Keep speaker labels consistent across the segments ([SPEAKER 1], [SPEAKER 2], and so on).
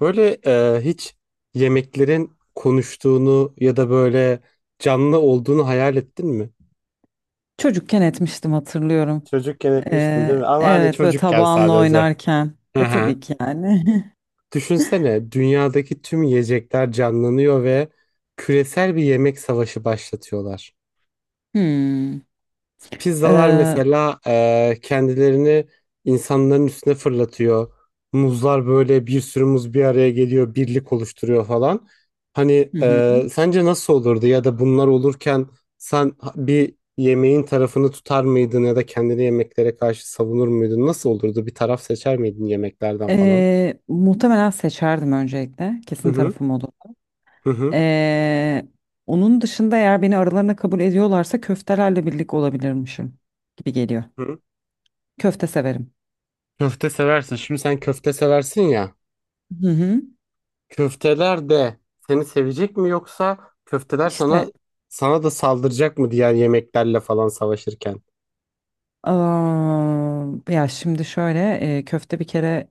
[SPEAKER 1] Böyle hiç yemeklerin konuştuğunu ya da böyle canlı olduğunu hayal ettin mi?
[SPEAKER 2] Çocukken etmiştim hatırlıyorum.
[SPEAKER 1] Çocukken etmiştin değil mi? Ama hani
[SPEAKER 2] Evet, böyle
[SPEAKER 1] çocukken
[SPEAKER 2] tabağınla
[SPEAKER 1] sadece.
[SPEAKER 2] oynarken.
[SPEAKER 1] Hı
[SPEAKER 2] E,
[SPEAKER 1] hı.
[SPEAKER 2] tabii ki yani.
[SPEAKER 1] Düşünsene dünyadaki tüm yiyecekler canlanıyor ve küresel bir yemek savaşı başlatıyorlar.
[SPEAKER 2] Hmm.
[SPEAKER 1] Pizzalar
[SPEAKER 2] Ee,
[SPEAKER 1] mesela kendilerini insanların üstüne fırlatıyor. Muzlar böyle bir sürü muz bir araya geliyor, birlik oluşturuyor falan. Hani
[SPEAKER 2] hı hı.
[SPEAKER 1] sence nasıl olurdu ya da bunlar olurken sen bir yemeğin tarafını tutar mıydın ya da kendini yemeklere karşı savunur muydun? Nasıl olurdu? Bir taraf seçer miydin yemeklerden falan?
[SPEAKER 2] Muhtemelen seçerdim öncelikle.
[SPEAKER 1] Hı
[SPEAKER 2] Kesin
[SPEAKER 1] hı,
[SPEAKER 2] tarafım olur.
[SPEAKER 1] hı hı.
[SPEAKER 2] Ee, Onun dışında eğer beni aralarına kabul ediyorlarsa köftelerle birlik olabilirmişim gibi geliyor.
[SPEAKER 1] Hı.
[SPEAKER 2] Köfte severim.
[SPEAKER 1] Köfte seversin. Şimdi sen köfte seversin ya.
[SPEAKER 2] Hı hı.
[SPEAKER 1] Köfteler de seni sevecek mi yoksa köfteler sana
[SPEAKER 2] İşte.
[SPEAKER 1] sana da saldıracak mı diğer yemeklerle falan savaşırken?
[SPEAKER 2] Aa, ya şimdi şöyle köfte bir kere,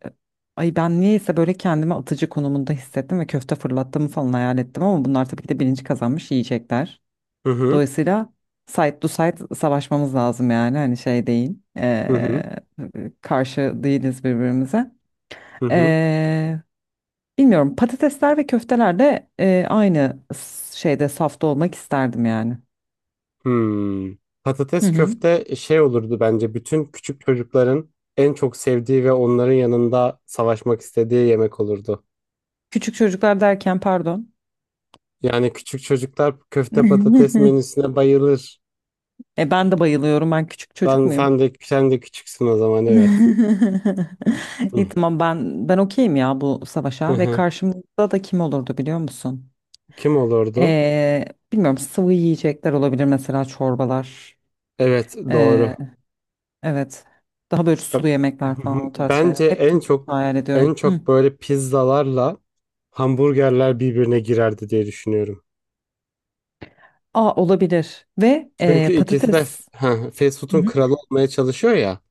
[SPEAKER 2] ay ben niyeyse böyle kendimi atıcı konumunda hissettim ve köfte fırlattığımı falan hayal ettim, ama bunlar tabii ki de bilinci kazanmış yiyecekler.
[SPEAKER 1] Hı hı,
[SPEAKER 2] Dolayısıyla side to side savaşmamız lazım, yani hani şey değil,
[SPEAKER 1] hı hı,
[SPEAKER 2] karşı değiliz birbirimize.
[SPEAKER 1] hı hı.
[SPEAKER 2] E, Bilmiyorum, patatesler ve köfteler de aynı şeyde, safta olmak isterdim yani.
[SPEAKER 1] Hmm.
[SPEAKER 2] Hı
[SPEAKER 1] Patates
[SPEAKER 2] hı.
[SPEAKER 1] köfte şey olurdu bence bütün küçük çocukların en çok sevdiği ve onların yanında savaşmak istediği yemek olurdu.
[SPEAKER 2] Küçük çocuklar derken, pardon.
[SPEAKER 1] Yani küçük çocuklar köfte patates menüsüne bayılır.
[SPEAKER 2] E ben de bayılıyorum. Ben küçük çocuk
[SPEAKER 1] Ben
[SPEAKER 2] muyum?
[SPEAKER 1] sen de sen de küçüksün o zaman evet.
[SPEAKER 2] İyi, tamam, ben okeyim ya bu
[SPEAKER 1] Hı
[SPEAKER 2] savaşa. Ve
[SPEAKER 1] hı.
[SPEAKER 2] karşımızda da kim olurdu, biliyor musun?
[SPEAKER 1] Kim olurdu?
[SPEAKER 2] Ee, Bilmiyorum, sıvı yiyecekler olabilir, mesela çorbalar.
[SPEAKER 1] Evet, doğru.
[SPEAKER 2] Ee, evet. Daha böyle
[SPEAKER 1] Ya,
[SPEAKER 2] sulu
[SPEAKER 1] hı
[SPEAKER 2] yemekler
[SPEAKER 1] hı.
[SPEAKER 2] falan, o tarz şeyler.
[SPEAKER 1] Bence
[SPEAKER 2] Hep
[SPEAKER 1] en
[SPEAKER 2] Türk
[SPEAKER 1] çok
[SPEAKER 2] mutfağı hayal ediyorum.
[SPEAKER 1] en
[SPEAKER 2] Hı.
[SPEAKER 1] çok böyle pizzalarla hamburgerler birbirine girerdi diye düşünüyorum.
[SPEAKER 2] Aa, olabilir. Ve
[SPEAKER 1] Çünkü ikisi de
[SPEAKER 2] patates.
[SPEAKER 1] ha, fast
[SPEAKER 2] Hı
[SPEAKER 1] food'un
[SPEAKER 2] hı.
[SPEAKER 1] kralı olmaya çalışıyor ya.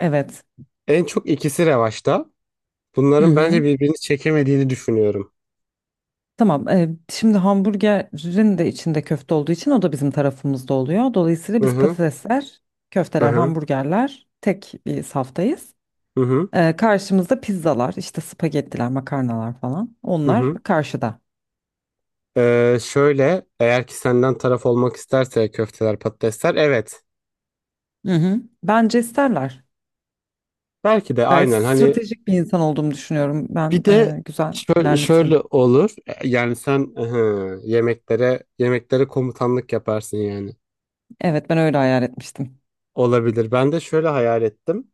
[SPEAKER 2] Evet.
[SPEAKER 1] En çok ikisi revaçta.
[SPEAKER 2] Hı
[SPEAKER 1] Bunların bence
[SPEAKER 2] hı.
[SPEAKER 1] birbirini çekemediğini düşünüyorum.
[SPEAKER 2] Tamam. Şimdi hamburgerin de içinde köfte olduğu için o da bizim tarafımızda oluyor. Dolayısıyla
[SPEAKER 1] Hı
[SPEAKER 2] biz
[SPEAKER 1] hı.
[SPEAKER 2] patatesler,
[SPEAKER 1] Hı
[SPEAKER 2] köfteler,
[SPEAKER 1] hı.
[SPEAKER 2] hamburgerler tek bir saftayız.
[SPEAKER 1] Hı hı.
[SPEAKER 2] E, karşımızda pizzalar, işte spagettiler, makarnalar falan.
[SPEAKER 1] Hı
[SPEAKER 2] Onlar
[SPEAKER 1] hı.
[SPEAKER 2] karşıda.
[SPEAKER 1] Şöyle eğer ki senden taraf olmak isterse köfteler patatesler evet.
[SPEAKER 2] Hı hı. Bence isterler.
[SPEAKER 1] Belki de
[SPEAKER 2] Gayet
[SPEAKER 1] aynen hani
[SPEAKER 2] stratejik bir insan olduğumu düşünüyorum. Ben
[SPEAKER 1] bir de
[SPEAKER 2] güzel
[SPEAKER 1] şöyle, şöyle
[SPEAKER 2] ilerletirim.
[SPEAKER 1] olur. Yani sen aha, yemeklere yemeklere komutanlık yaparsın yani.
[SPEAKER 2] Evet, ben öyle hayal etmiştim.
[SPEAKER 1] Olabilir. Ben de şöyle hayal ettim.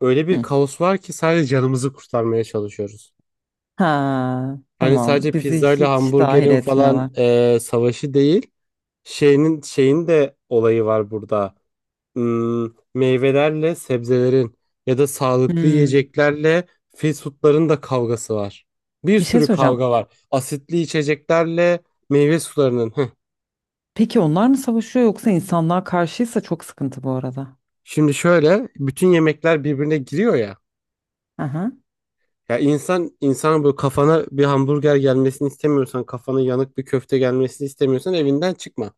[SPEAKER 1] Öyle bir
[SPEAKER 2] Hı.
[SPEAKER 1] kaos var ki sadece canımızı kurtarmaya çalışıyoruz.
[SPEAKER 2] Ha,
[SPEAKER 1] Hani
[SPEAKER 2] tamam.
[SPEAKER 1] sadece
[SPEAKER 2] Bizi
[SPEAKER 1] pizzayla
[SPEAKER 2] hiç dahil
[SPEAKER 1] hamburgerin falan
[SPEAKER 2] etmiyorlar.
[SPEAKER 1] savaşı değil. Şeyinin şeyin de olayı var burada. Hmm, meyvelerle sebzelerin ya da sağlıklı
[SPEAKER 2] Hmm.
[SPEAKER 1] yiyeceklerle fast foodların da kavgası var. Bir
[SPEAKER 2] Bir şey
[SPEAKER 1] sürü
[SPEAKER 2] söyleyeceğim.
[SPEAKER 1] kavga var. Asitli içeceklerle meyve sularının. Hıh.
[SPEAKER 2] Peki onlar mı savaşıyor yoksa insanlığa karşıysa çok sıkıntı bu arada.
[SPEAKER 1] Şimdi şöyle bütün yemekler birbirine giriyor ya.
[SPEAKER 2] Aha.
[SPEAKER 1] Ya insan insan böyle kafana bir hamburger gelmesini istemiyorsan, kafana yanık bir köfte gelmesini istemiyorsan evinden çıkma.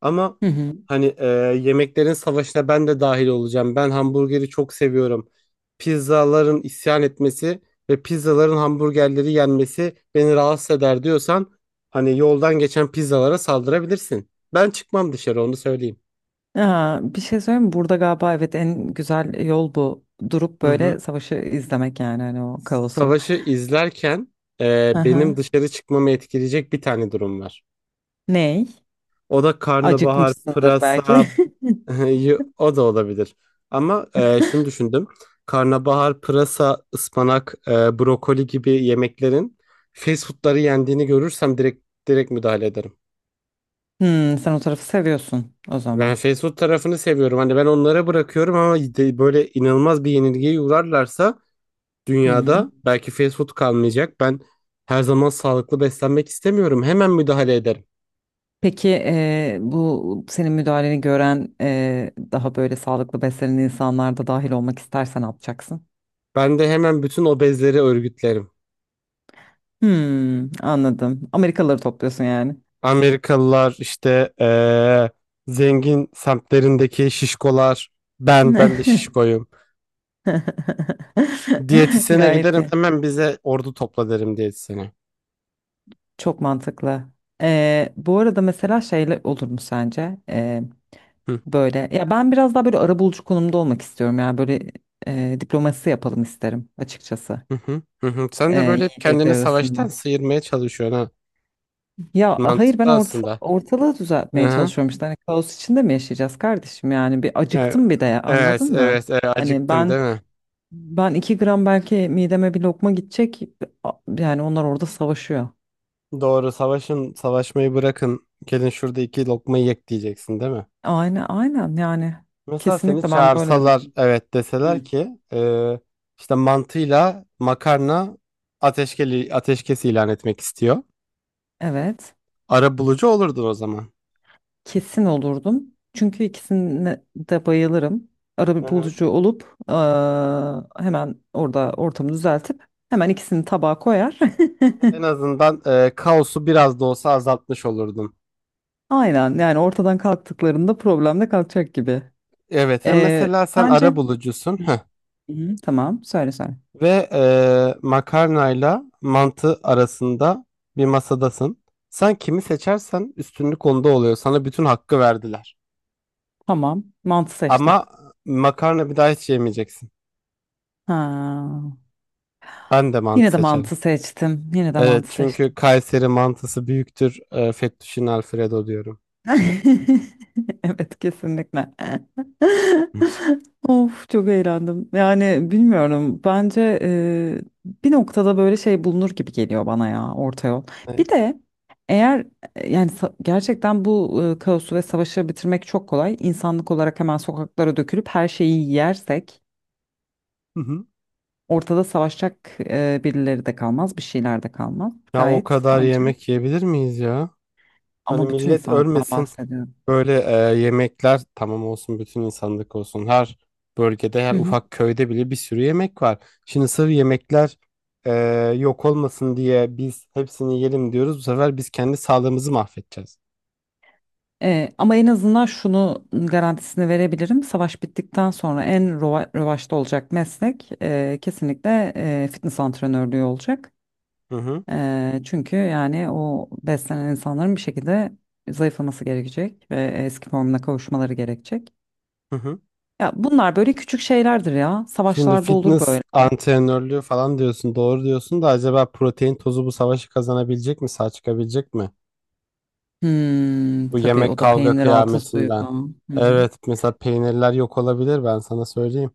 [SPEAKER 1] Ama
[SPEAKER 2] Hı hı.
[SPEAKER 1] hani yemeklerin savaşına ben de dahil olacağım. Ben hamburgeri çok seviyorum. Pizzaların isyan etmesi ve pizzaların hamburgerleri yenmesi beni rahatsız eder diyorsan hani yoldan geçen pizzalara saldırabilirsin. Ben çıkmam dışarı onu söyleyeyim.
[SPEAKER 2] Ya, bir şey söyleyeyim mi? Burada galiba evet en güzel yol bu. Durup
[SPEAKER 1] Hı hı.
[SPEAKER 2] böyle savaşı izlemek, yani hani o kaosu.
[SPEAKER 1] Savaşı izlerken
[SPEAKER 2] Aha.
[SPEAKER 1] benim dışarı çıkmamı etkileyecek bir tane durum var.
[SPEAKER 2] Ney?
[SPEAKER 1] O da karnabahar,
[SPEAKER 2] Acıkmışsındır belki.
[SPEAKER 1] pırasa, o da olabilir. Ama şunu düşündüm. Karnabahar, pırasa, ıspanak, brokoli gibi yemeklerin fast foodları yendiğini görürsem direkt müdahale ederim.
[SPEAKER 2] Hmm, sen o tarafı seviyorsun o
[SPEAKER 1] Ben
[SPEAKER 2] zaman.
[SPEAKER 1] fast food tarafını seviyorum. Hani ben onlara bırakıyorum ama böyle inanılmaz bir yenilgiye uğrarlarsa
[SPEAKER 2] Hı hı.
[SPEAKER 1] dünyada belki fast food kalmayacak. Ben her zaman sağlıklı beslenmek istemiyorum. Hemen müdahale ederim.
[SPEAKER 2] Peki bu senin müdahaleni gören daha böyle sağlıklı beslenen insanlar da dahil olmak istersen ne yapacaksın?
[SPEAKER 1] Ben de hemen bütün obezleri örgütlerim.
[SPEAKER 2] Hmm, anladım. Amerikalıları topluyorsun yani.
[SPEAKER 1] Amerikalılar işte zengin semtlerindeki şişkolar ben de şişkoyum. Diyetisyene
[SPEAKER 2] Gayet
[SPEAKER 1] giderim
[SPEAKER 2] iyi.
[SPEAKER 1] hemen bize ordu topla derim diyetisyene.
[SPEAKER 2] Çok mantıklı. Bu arada mesela şeyle olur mu sence?
[SPEAKER 1] Hı,
[SPEAKER 2] Böyle ya, ben biraz daha böyle arabulucu konumda olmak istiyorum. Yani böyle diplomasi yapalım isterim açıkçası.
[SPEAKER 1] hı, hı, hı, hı. Sen de böyle hep
[SPEAKER 2] Yiyecekler
[SPEAKER 1] kendini savaştan
[SPEAKER 2] arasında.
[SPEAKER 1] sıyırmaya çalışıyorsun ha.
[SPEAKER 2] Ya hayır, ben
[SPEAKER 1] Mantıklı aslında.
[SPEAKER 2] ortalığı
[SPEAKER 1] Hı
[SPEAKER 2] düzeltmeye
[SPEAKER 1] hı.
[SPEAKER 2] çalışıyorum işte. Hani kaos içinde mi yaşayacağız kardeşim? Yani bir
[SPEAKER 1] Evet,
[SPEAKER 2] acıktım bir de ya,
[SPEAKER 1] evet,
[SPEAKER 2] anladın mı?
[SPEAKER 1] evet, evet,
[SPEAKER 2] Hani
[SPEAKER 1] acıktın
[SPEAKER 2] ben
[SPEAKER 1] değil mi?
[SPEAKER 2] ben iki gram belki mideme bir lokma gidecek. a- Yani onlar orada savaşıyor.
[SPEAKER 1] Doğru, savaşın, savaşmayı bırakın. Gelin şurada iki lokma yek diyeceksin değil mi?
[SPEAKER 2] Aynen aynen, yani
[SPEAKER 1] Mesela seni
[SPEAKER 2] kesinlikle ben böyle demek
[SPEAKER 1] çağırsalar
[SPEAKER 2] istedim.
[SPEAKER 1] evet
[SPEAKER 2] Hı.
[SPEAKER 1] deseler ki işte mantıyla makarna ateşkes ilan etmek istiyor.
[SPEAKER 2] Evet,
[SPEAKER 1] Arabulucu olurdun o zaman.
[SPEAKER 2] kesin olurdum. Çünkü ikisine de bayılırım.
[SPEAKER 1] Hı
[SPEAKER 2] Ara
[SPEAKER 1] hı.
[SPEAKER 2] bulucu olup hemen orada ortamı düzeltip hemen ikisini tabağa koyar.
[SPEAKER 1] En azından kaosu biraz da olsa azaltmış olurdun.
[SPEAKER 2] Aynen, yani ortadan kalktıklarında problem de kalkacak gibi.
[SPEAKER 1] Evet,
[SPEAKER 2] Eee
[SPEAKER 1] mesela sen
[SPEAKER 2] bence.
[SPEAKER 1] arabulucusun heh.
[SPEAKER 2] Hı hı. Tamam, söyle söyle.
[SPEAKER 1] Ve makarnayla mantı arasında bir masadasın. Sen kimi seçersen üstünlük onda oluyor. Sana bütün hakkı verdiler.
[SPEAKER 2] Tamam, mantı seçtim.
[SPEAKER 1] Ama makarna bir daha hiç yemeyeceksin.
[SPEAKER 2] Ha,
[SPEAKER 1] Ben de mantı
[SPEAKER 2] yine de
[SPEAKER 1] seçerim.
[SPEAKER 2] mantı seçtim.
[SPEAKER 1] Evet, çünkü Kayseri mantısı büyüktür. E, Fettuccine Alfredo diyorum.
[SPEAKER 2] Evet, kesinlikle.
[SPEAKER 1] Hı.
[SPEAKER 2] Of, çok eğlendim. Yani bilmiyorum. Bence bir noktada böyle şey bulunur gibi geliyor bana ya, orta yol.
[SPEAKER 1] Ne?
[SPEAKER 2] Bir de eğer gerçekten bu kaosu ve savaşı bitirmek çok kolay. İnsanlık olarak hemen sokaklara dökülüp her şeyi yersek
[SPEAKER 1] Hı hı.
[SPEAKER 2] ortada savaşacak birileri de kalmaz, bir şeyler de kalmaz.
[SPEAKER 1] Ya o
[SPEAKER 2] Gayet
[SPEAKER 1] kadar
[SPEAKER 2] bence.
[SPEAKER 1] yemek yiyebilir miyiz ya? Hani
[SPEAKER 2] Ama bütün
[SPEAKER 1] millet
[SPEAKER 2] insanlıktan
[SPEAKER 1] ölmesin.
[SPEAKER 2] bahsediyorum.
[SPEAKER 1] Böyle yemekler tamam olsun bütün insanlık olsun. Her bölgede her ufak köyde bile bir sürü yemek var. Şimdi sırf yemekler e, yok olmasın diye biz hepsini yiyelim diyoruz. Bu sefer biz kendi sağlığımızı mahvedeceğiz.
[SPEAKER 2] Ama en azından şunu garantisini verebilirim. Savaş bittikten sonra en revaçta olacak meslek kesinlikle fitness antrenörlüğü olacak.
[SPEAKER 1] Hı hı.
[SPEAKER 2] Çünkü yani o beslenen insanların bir şekilde zayıflaması gerekecek ve eski formuna kavuşmaları gerekecek.
[SPEAKER 1] Hı hı.
[SPEAKER 2] Ya bunlar böyle küçük şeylerdir ya.
[SPEAKER 1] Şimdi
[SPEAKER 2] Savaşlarda olur
[SPEAKER 1] fitness
[SPEAKER 2] böyle.
[SPEAKER 1] antrenörlüğü falan diyorsun, doğru diyorsun da acaba protein tozu bu savaşı kazanabilecek mi, sağ çıkabilecek mi?
[SPEAKER 2] Hmm,
[SPEAKER 1] Bu
[SPEAKER 2] tabii
[SPEAKER 1] yemek
[SPEAKER 2] o da
[SPEAKER 1] kavga
[SPEAKER 2] peynir altı suyu
[SPEAKER 1] kıyametinden.
[SPEAKER 2] falan. Hı hı.
[SPEAKER 1] Evet, mesela peynirler yok olabilir ben sana söyleyeyim.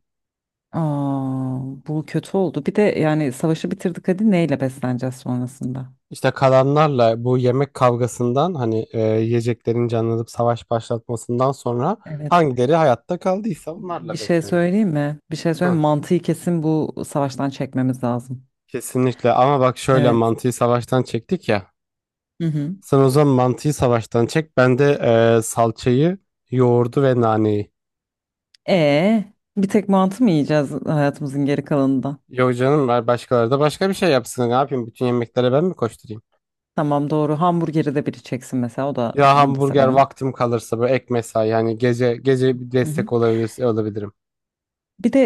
[SPEAKER 2] Aa, bu kötü oldu. Bir de yani savaşı bitirdik, hadi neyle besleneceğiz sonrasında?
[SPEAKER 1] İşte kalanlarla bu yemek kavgasından hani yiyeceklerin canlanıp savaş başlatmasından sonra
[SPEAKER 2] Evet.
[SPEAKER 1] hangileri hayatta kaldıysa
[SPEAKER 2] Bir
[SPEAKER 1] onlarla
[SPEAKER 2] şey
[SPEAKER 1] besleneceğiz.
[SPEAKER 2] söyleyeyim mi?
[SPEAKER 1] Hı.
[SPEAKER 2] Mantıyı kesin bu savaştan çekmemiz lazım.
[SPEAKER 1] Kesinlikle, ama bak şöyle
[SPEAKER 2] Evet.
[SPEAKER 1] mantıyı savaştan çektik ya.
[SPEAKER 2] Hı hı.
[SPEAKER 1] Sen o zaman mantıyı savaştan çek. Ben de salçayı, yoğurdu ve naneyi.
[SPEAKER 2] E bir tek mantı mı yiyeceğiz hayatımızın geri kalanında?
[SPEAKER 1] Yok canım ver başkaları da başka bir şey yapsın. Ne yapayım? Bütün yemeklere ben mi koşturayım?
[SPEAKER 2] Tamam doğru. Hamburgeri de biri çeksin mesela. O da,
[SPEAKER 1] Ya
[SPEAKER 2] onu da
[SPEAKER 1] hamburger
[SPEAKER 2] severim.
[SPEAKER 1] vaktim kalırsa böyle ek mesai yani gece gece bir
[SPEAKER 2] Hı hı.
[SPEAKER 1] destek olabilirim.
[SPEAKER 2] Bir de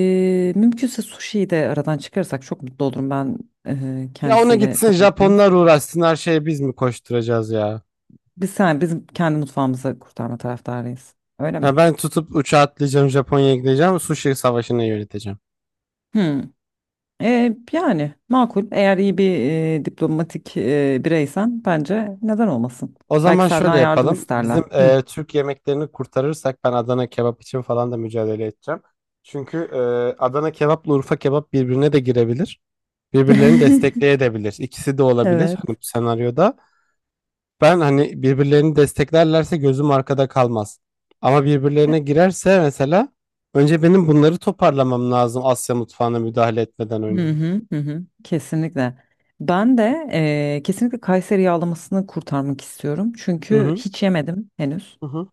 [SPEAKER 2] mümkünse sushi'yi de aradan çıkarırsak çok mutlu olurum. Ben
[SPEAKER 1] Ya ona
[SPEAKER 2] kendisiyle
[SPEAKER 1] gitsin
[SPEAKER 2] çok mutluyum.
[SPEAKER 1] Japonlar uğraşsın her şeye biz mi koşturacağız ya?
[SPEAKER 2] Sen bizim kendi mutfağımızı kurtarma taraftarıyız. Öyle mi?
[SPEAKER 1] Ya ben tutup uçağa atlayacağım Japonya'ya gideceğim sushi savaşını yöneteceğim.
[SPEAKER 2] Hı. E, yani makul. Eğer iyi bir diplomatik bireysen bence neden olmasın?
[SPEAKER 1] O
[SPEAKER 2] Belki
[SPEAKER 1] zaman şöyle
[SPEAKER 2] senden yardım
[SPEAKER 1] yapalım.
[SPEAKER 2] isterler.
[SPEAKER 1] Bizim
[SPEAKER 2] Hı.
[SPEAKER 1] Türk yemeklerini kurtarırsak ben Adana kebap için falan da mücadele edeceğim. Çünkü Adana kebapla Urfa kebap birbirine de girebilir. Birbirlerini destekleyebilir. İkisi de olabilir hani
[SPEAKER 2] Evet.
[SPEAKER 1] bu senaryoda. Ben hani birbirlerini desteklerlerse gözüm arkada kalmaz. Ama birbirlerine girerse mesela önce benim bunları toparlamam lazım Asya mutfağına müdahale etmeden önce.
[SPEAKER 2] Hı hı hı hı. Kesinlikle. Ben de kesinlikle Kayseri yağlamasını kurtarmak istiyorum.
[SPEAKER 1] Hı
[SPEAKER 2] Çünkü
[SPEAKER 1] hı.
[SPEAKER 2] hiç yemedim henüz.
[SPEAKER 1] Hı hı.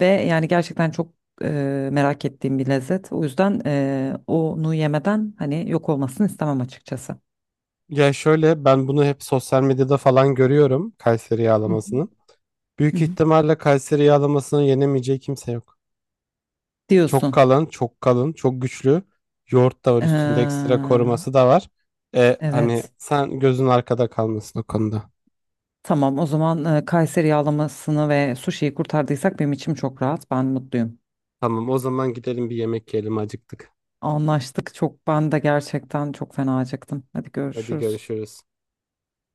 [SPEAKER 2] Ve yani gerçekten çok merak ettiğim bir lezzet. O yüzden onu yemeden hani yok olmasını istemem açıkçası.
[SPEAKER 1] Ya şöyle ben bunu hep sosyal medyada falan görüyorum Kayseri
[SPEAKER 2] Hı hı.
[SPEAKER 1] yağlamasını.
[SPEAKER 2] Hı
[SPEAKER 1] Büyük
[SPEAKER 2] hı.
[SPEAKER 1] ihtimalle Kayseri yağlamasını yenemeyeceği kimse yok. Çok
[SPEAKER 2] Diyorsun.
[SPEAKER 1] kalın, çok kalın, çok güçlü. Yoğurt da var üstünde ekstra
[SPEAKER 2] Eee,
[SPEAKER 1] koruması da var. E, hani
[SPEAKER 2] evet.
[SPEAKER 1] sen gözün arkada kalmasın o konuda.
[SPEAKER 2] Tamam, o zaman Kayseri yağlamasını ve suşiyi kurtardıysak benim içim çok rahat. Ben mutluyum.
[SPEAKER 1] Tamam, o zaman gidelim bir yemek yiyelim acıktık.
[SPEAKER 2] Anlaştık. Çok, ben de gerçekten çok fena acıktım. Hadi
[SPEAKER 1] Hadi
[SPEAKER 2] görüşürüz.
[SPEAKER 1] görüşürüz.